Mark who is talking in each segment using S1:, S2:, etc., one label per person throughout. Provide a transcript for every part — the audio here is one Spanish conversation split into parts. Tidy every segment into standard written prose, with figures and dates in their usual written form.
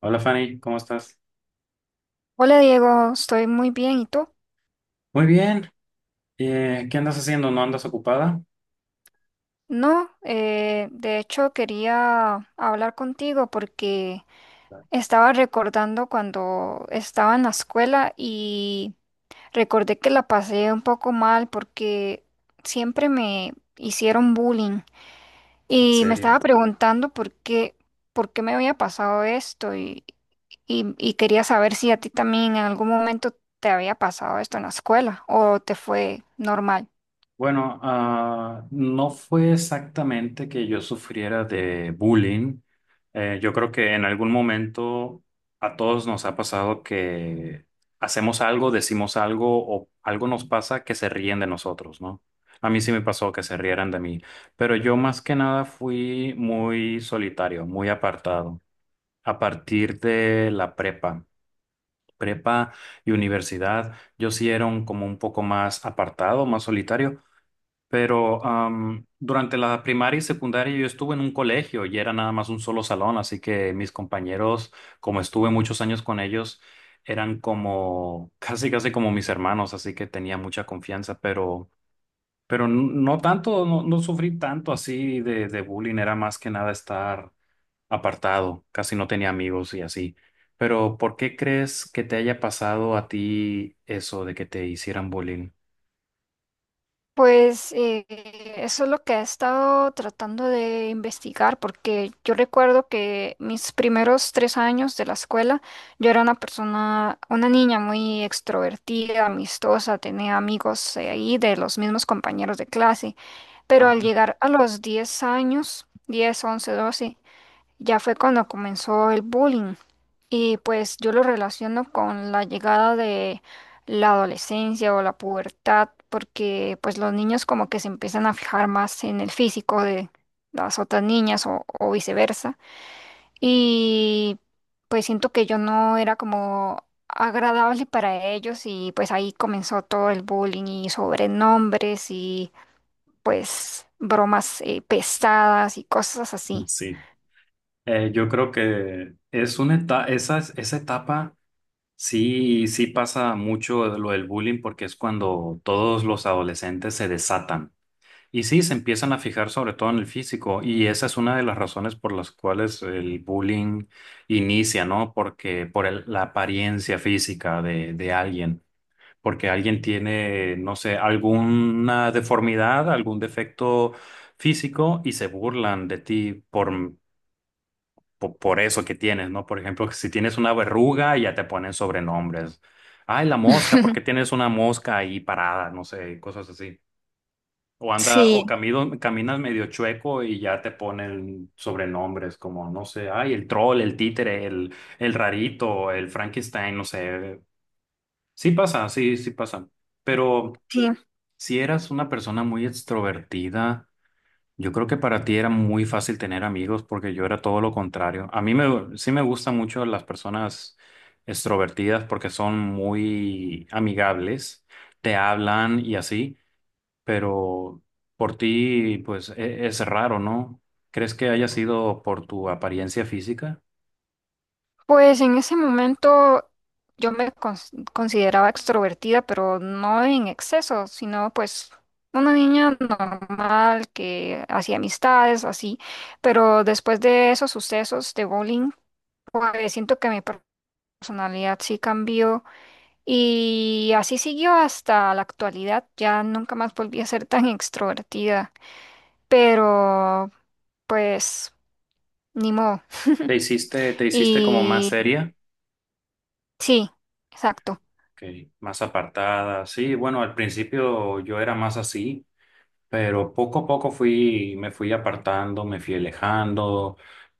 S1: Hola Fanny, ¿cómo estás?
S2: Hola Diego, estoy muy bien. ¿Y tú?
S1: Muy bien. ¿Qué andas haciendo? ¿No andas ocupada?
S2: No, de hecho quería hablar contigo porque estaba recordando cuando estaba en la escuela y recordé que la pasé un poco mal porque siempre me hicieron bullying
S1: En
S2: y me estaba
S1: serio.
S2: preguntando por qué me había pasado esto y quería saber si a ti también en algún momento te había pasado esto en la escuela o te fue normal.
S1: Bueno, no fue exactamente que yo sufriera de bullying. Yo creo que en algún momento a todos nos ha pasado que hacemos algo, decimos algo o algo nos pasa que se ríen de nosotros, ¿no? A mí sí me pasó que se rieran de mí, pero yo más que nada fui muy solitario, muy apartado a partir de la prepa y universidad, yo sí era como un poco más apartado, más solitario, pero durante la primaria y secundaria yo estuve en un colegio y era nada más un solo salón, así que mis compañeros, como estuve muchos años con ellos, eran como casi casi como mis hermanos, así que tenía mucha confianza, pero pero no tanto, no, no sufrí tanto así de bullying, era más que nada estar apartado, casi no tenía amigos y así. Pero ¿por qué crees que te haya pasado a ti eso de que te hicieran bullying?
S2: Pues eso es lo que he estado tratando de investigar, porque yo recuerdo que mis primeros 3 años de la escuela, yo era una persona, una niña muy extrovertida, amistosa, tenía amigos ahí de los mismos compañeros de clase, pero al
S1: Ajá,
S2: llegar a los 10 años, 10, 11, 12. Ya fue cuando comenzó el bullying y pues yo lo relaciono con la llegada de la adolescencia o la pubertad porque pues los niños como que se empiezan a fijar más en el físico de las otras niñas o viceversa y pues siento que yo no era como agradable para ellos y pues ahí comenzó todo el bullying y sobrenombres y pues bromas pesadas y cosas así.
S1: sí. Yo creo que es una etapa, esa etapa sí, sí pasa mucho lo del bullying porque es cuando todos los adolescentes se desatan. Y sí, se empiezan a fijar sobre todo en el físico. Y esa es una de las razones por las cuales el bullying inicia, ¿no? Porque por la apariencia física de alguien. Porque alguien tiene, no sé, alguna deformidad, algún defecto físico y se burlan de ti por eso que tienes, ¿no? Por ejemplo, si tienes una verruga, ya te ponen sobrenombres. Ay, la mosca, porque tienes una mosca ahí parada, no sé, cosas así. O anda, o
S2: Sí,
S1: camino, Caminas medio chueco y ya te ponen sobrenombres como, no sé, ay, el troll, el títere, el rarito, el Frankenstein, no sé. Sí pasa, sí, sí pasa. Pero
S2: sí,
S1: si eras una persona muy extrovertida, yo creo que para ti era muy fácil tener amigos porque yo era todo lo contrario. A sí me gustan mucho las personas extrovertidas porque son muy amigables, te hablan y así, pero por ti pues es raro, ¿no? ¿Crees que haya sido por tu apariencia física?
S2: pues en ese momento yo me consideraba extrovertida, pero no en exceso, sino pues una niña normal que hacía amistades, así. Pero después de esos sucesos de bowling, pues siento que mi personalidad sí cambió y así siguió hasta la actualidad. Ya nunca más volví a ser tan extrovertida, pero pues ni modo.
S1: ¿Te hiciste como más
S2: Y
S1: seria?
S2: sí, exacto.
S1: Ok, más apartada, sí, bueno, al principio yo era más así. Pero poco a poco me fui apartando, me fui alejando,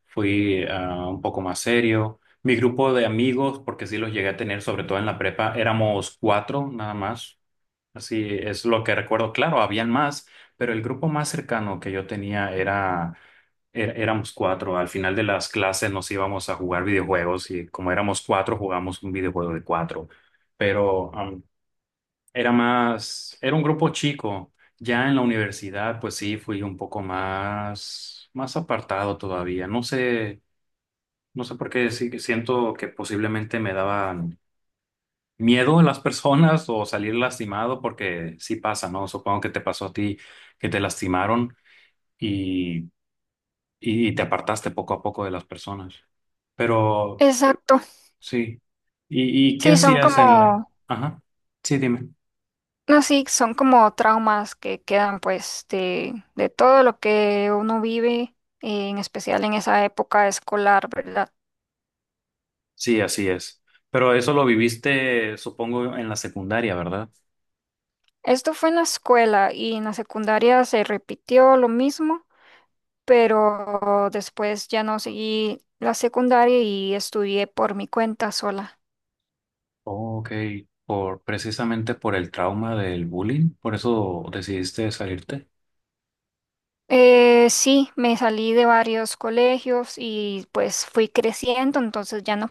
S1: fui un poco más serio. Mi grupo de amigos, porque sí los llegué a tener, sobre todo en la prepa, éramos cuatro nada más. Así es lo que recuerdo. Claro, habían más, pero el grupo más cercano que yo tenía era, éramos cuatro. Al final de las clases nos íbamos a jugar videojuegos y como éramos cuatro, jugamos un videojuego de cuatro. Pero era más, era un grupo chico. Ya en la universidad, pues sí, fui un poco más, más apartado todavía. No sé, no sé por qué sí que siento que posiblemente me daban miedo a las personas o salir lastimado, porque sí pasa, ¿no? Supongo que te pasó a ti que te lastimaron y, y te apartaste poco a poco de las personas. Pero
S2: Exacto.
S1: sí. Y qué
S2: Sí, son
S1: hacías en la...
S2: como,
S1: Ajá. Sí, dime.
S2: no, sí, son como traumas que quedan pues de todo lo que uno vive, en especial en esa época escolar, ¿verdad?
S1: Sí, así es. Pero eso lo viviste, supongo, en la secundaria, ¿verdad?
S2: Esto fue en la escuela y en la secundaria se repitió lo mismo, pero después ya no seguí la secundaria y estudié por mi cuenta sola.
S1: Ok, por precisamente por el trauma del bullying, por eso decidiste salirte.
S2: Sí, me salí de varios colegios y pues fui creciendo, entonces ya no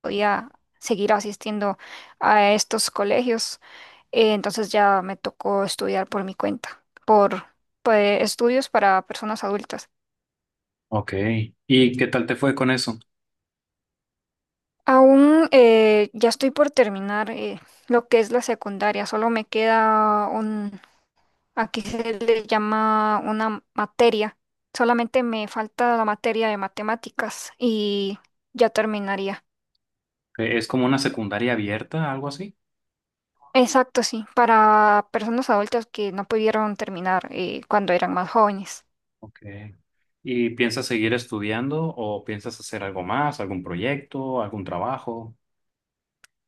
S2: podía seguir asistiendo a estos colegios. Entonces ya me tocó estudiar por mi cuenta, por estudios para personas adultas.
S1: Ok, ¿y qué tal te fue con eso?
S2: Aún ya estoy por terminar lo que es la secundaria, solo me queda un, aquí se le llama una materia, solamente me falta la materia de matemáticas y ya terminaría.
S1: Es como una secundaria abierta, algo así?
S2: Exacto, sí, para personas adultas que no pudieron terminar cuando eran más jóvenes.
S1: Ok. ¿Y piensas seguir estudiando o piensas hacer algo más, algún proyecto, algún trabajo?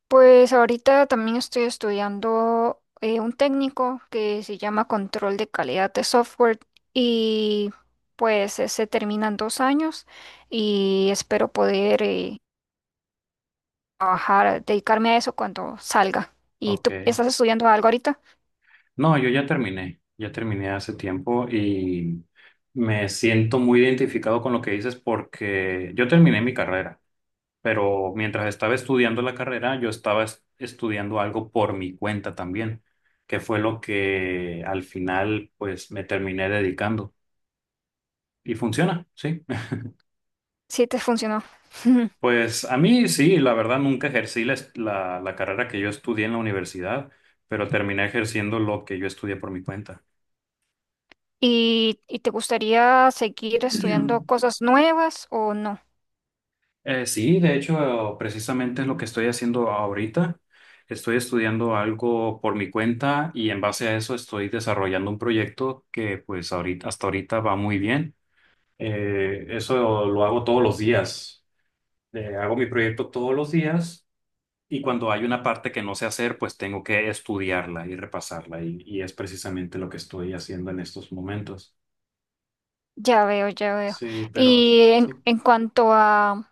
S2: Pues ahorita también estoy estudiando un técnico que se llama control de calidad de software y pues se termina en 2 años y espero poder trabajar, dedicarme a eso cuando salga. ¿Y
S1: Ok.
S2: tú estás estudiando algo ahorita?
S1: No, yo ya terminé hace tiempo y me siento muy identificado con lo que dices porque yo terminé mi carrera, pero mientras estaba estudiando la carrera, yo estaba estudiando algo por mi cuenta también, que fue lo que al final pues me terminé dedicando y funciona, sí.
S2: Sí, te funcionó.
S1: Pues a mí sí, la verdad nunca ejercí la carrera que yo estudié en la universidad, pero terminé ejerciendo lo que yo estudié por mi cuenta.
S2: ¿Y, y te gustaría seguir estudiando cosas nuevas o no?
S1: Sí, de hecho, precisamente es lo que estoy haciendo ahorita. Estoy estudiando algo por mi cuenta y en base a eso estoy desarrollando un proyecto que pues ahorita, hasta ahorita va muy bien. Eso lo hago todos los días. Hago mi proyecto todos los días y cuando hay una parte que no sé hacer, pues tengo que estudiarla y repasarla y es precisamente lo que estoy haciendo en estos momentos.
S2: Ya veo, ya veo.
S1: Sí, pero
S2: Y
S1: sí.
S2: en cuanto a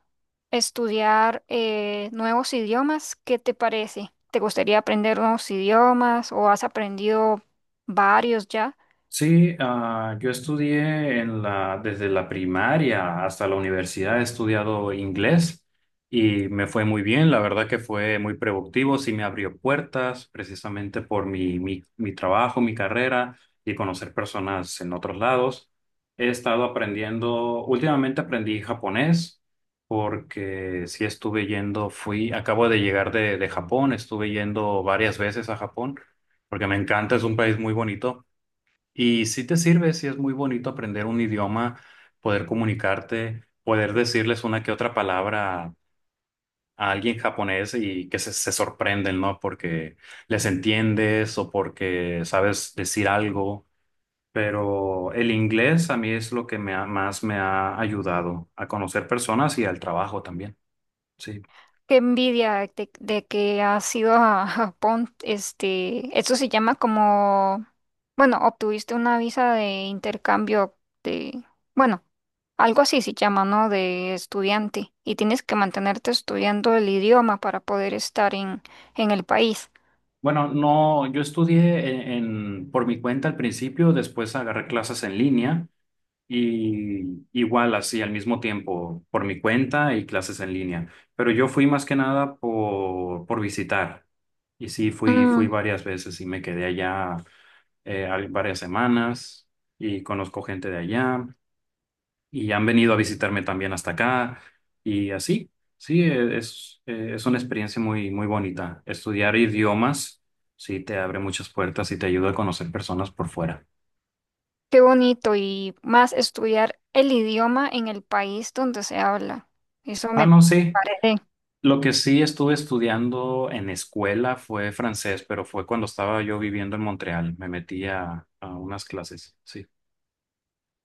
S2: estudiar nuevos idiomas, ¿qué te parece? ¿Te gustaría aprender nuevos idiomas o has aprendido varios ya?
S1: Sí, yo estudié en la, desde la primaria hasta la universidad, he estudiado inglés y me fue muy bien, la verdad que fue muy productivo, sí me abrió puertas precisamente por mi trabajo, mi carrera y conocer personas en otros lados. He estado aprendiendo, últimamente aprendí japonés porque sí estuve yendo, fui, acabo de llegar de Japón, estuve yendo varias veces a Japón porque me encanta, es un país muy bonito. Y si te sirve, si es muy bonito aprender un idioma, poder comunicarte, poder decirles una que otra palabra a alguien japonés y que se sorprenden, ¿no? Porque les entiendes o porque sabes decir algo. Pero el inglés a mí es lo que más me ha ayudado a conocer personas y al trabajo también. Sí.
S2: Qué envidia de que has ido a Japón. Este, eso se llama como, bueno, obtuviste una visa de intercambio de, bueno, algo así se llama, ¿no? De estudiante. Y tienes que mantenerte estudiando el idioma para poder estar en el país.
S1: Bueno, no, yo estudié por mi cuenta al principio, después agarré clases en línea. Y igual así al mismo tiempo por mi cuenta y clases en línea. Pero yo fui más que nada por visitar. Y sí, fui, fui
S2: Mm,
S1: varias veces y me quedé allá varias semanas y conozco gente de allá y han venido a visitarme también hasta acá y así. Sí, es una experiencia muy, muy bonita. Estudiar idiomas sí te abre muchas puertas y te ayuda a conocer personas por fuera.
S2: qué bonito. Y más estudiar el idioma en el país donde se habla. Eso
S1: Ah,
S2: me
S1: no, sí.
S2: parece.
S1: Lo que sí estuve estudiando en escuela fue francés, pero fue cuando estaba yo viviendo en Montreal. Me metí a unas clases, sí.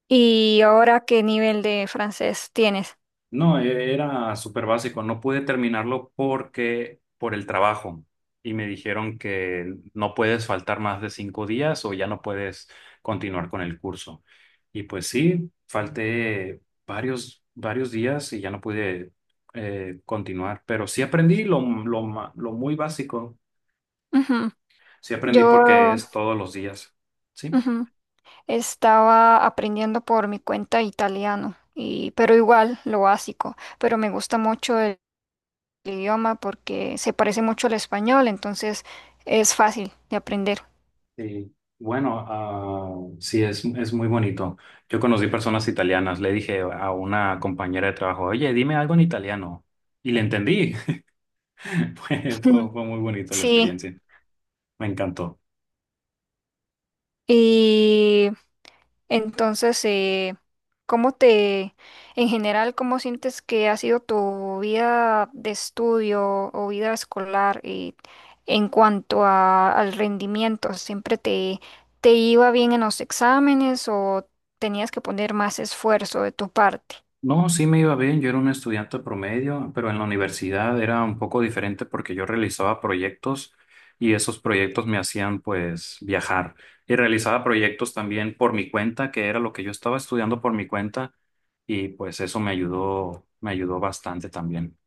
S2: ¿Y ahora qué nivel de francés tienes?
S1: No, era súper básico. No pude terminarlo porque por el trabajo. Y me dijeron que no puedes faltar más de cinco días o ya no puedes continuar con el curso. Y pues sí, falté varios, varios días y ya no pude continuar. Pero sí aprendí lo muy básico.
S2: Ujú.
S1: Sí
S2: Yo
S1: aprendí porque es todos los días. Sí.
S2: ujú, estaba aprendiendo por mi cuenta italiano, y, pero igual lo básico, pero me gusta mucho el idioma porque se parece mucho al español, entonces es fácil de aprender.
S1: Sí. Bueno, sí, es muy bonito. Yo conocí personas italianas. Le dije a una compañera de trabajo, oye, dime algo en italiano. Y le entendí. Fue muy bonito la
S2: Sí,
S1: experiencia. Me encantó.
S2: y entonces, ¿cómo te, en general, cómo sientes que ha sido tu vida de estudio o vida escolar en cuanto a- al rendimiento? ¿Siempre te, te iba bien en los exámenes o tenías que poner más esfuerzo de tu parte?
S1: No, sí me iba bien, yo era un estudiante promedio, pero en la universidad era un poco diferente porque yo realizaba proyectos y esos proyectos me hacían pues viajar y realizaba proyectos también por mi cuenta, que era lo que yo estaba estudiando por mi cuenta y pues eso me ayudó bastante también.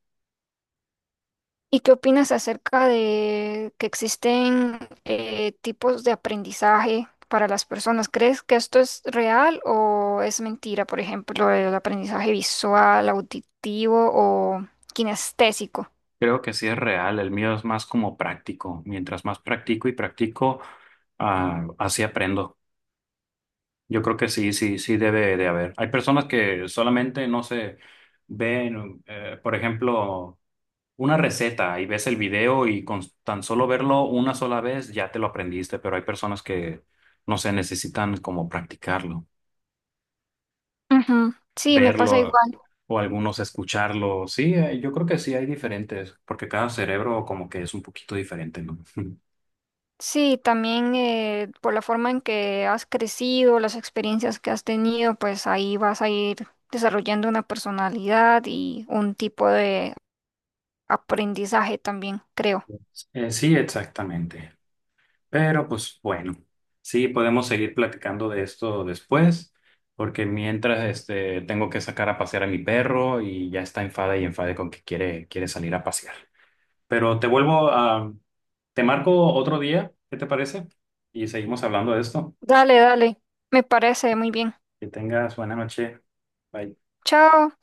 S2: ¿Y qué opinas acerca de que existen tipos de aprendizaje para las personas? ¿Crees que esto es real o es mentira? Por ejemplo, el aprendizaje visual, auditivo o kinestésico.
S1: Creo que sí es real, el mío es más como práctico, mientras más practico y practico, así aprendo. Yo creo que sí, sí, sí debe de haber. Hay personas que solamente, no sé, ven, por ejemplo, una receta y ves el video y con tan solo verlo una sola vez ya te lo aprendiste, pero hay personas que, no sé, necesitan como practicarlo,
S2: Ujú. Sí, me pasa
S1: verlo
S2: igual.
S1: o algunos escucharlo. Sí, yo creo que sí hay diferentes, porque cada cerebro como que es un poquito diferente, ¿no?
S2: Sí, también por la forma en que has crecido, las experiencias que has tenido, pues ahí vas a ir desarrollando una personalidad y un tipo de aprendizaje también, creo.
S1: Sí, exactamente. Pero pues bueno, sí, podemos seguir platicando de esto después, porque mientras este, tengo que sacar a pasear a mi perro y ya está enfada y enfade con que quiere, quiere salir a pasear. Pero te vuelvo te marco otro día, ¿qué te parece? Y seguimos hablando de esto.
S2: Dale, dale. Me parece muy bien.
S1: Que tengas buena noche. Bye.
S2: Chao.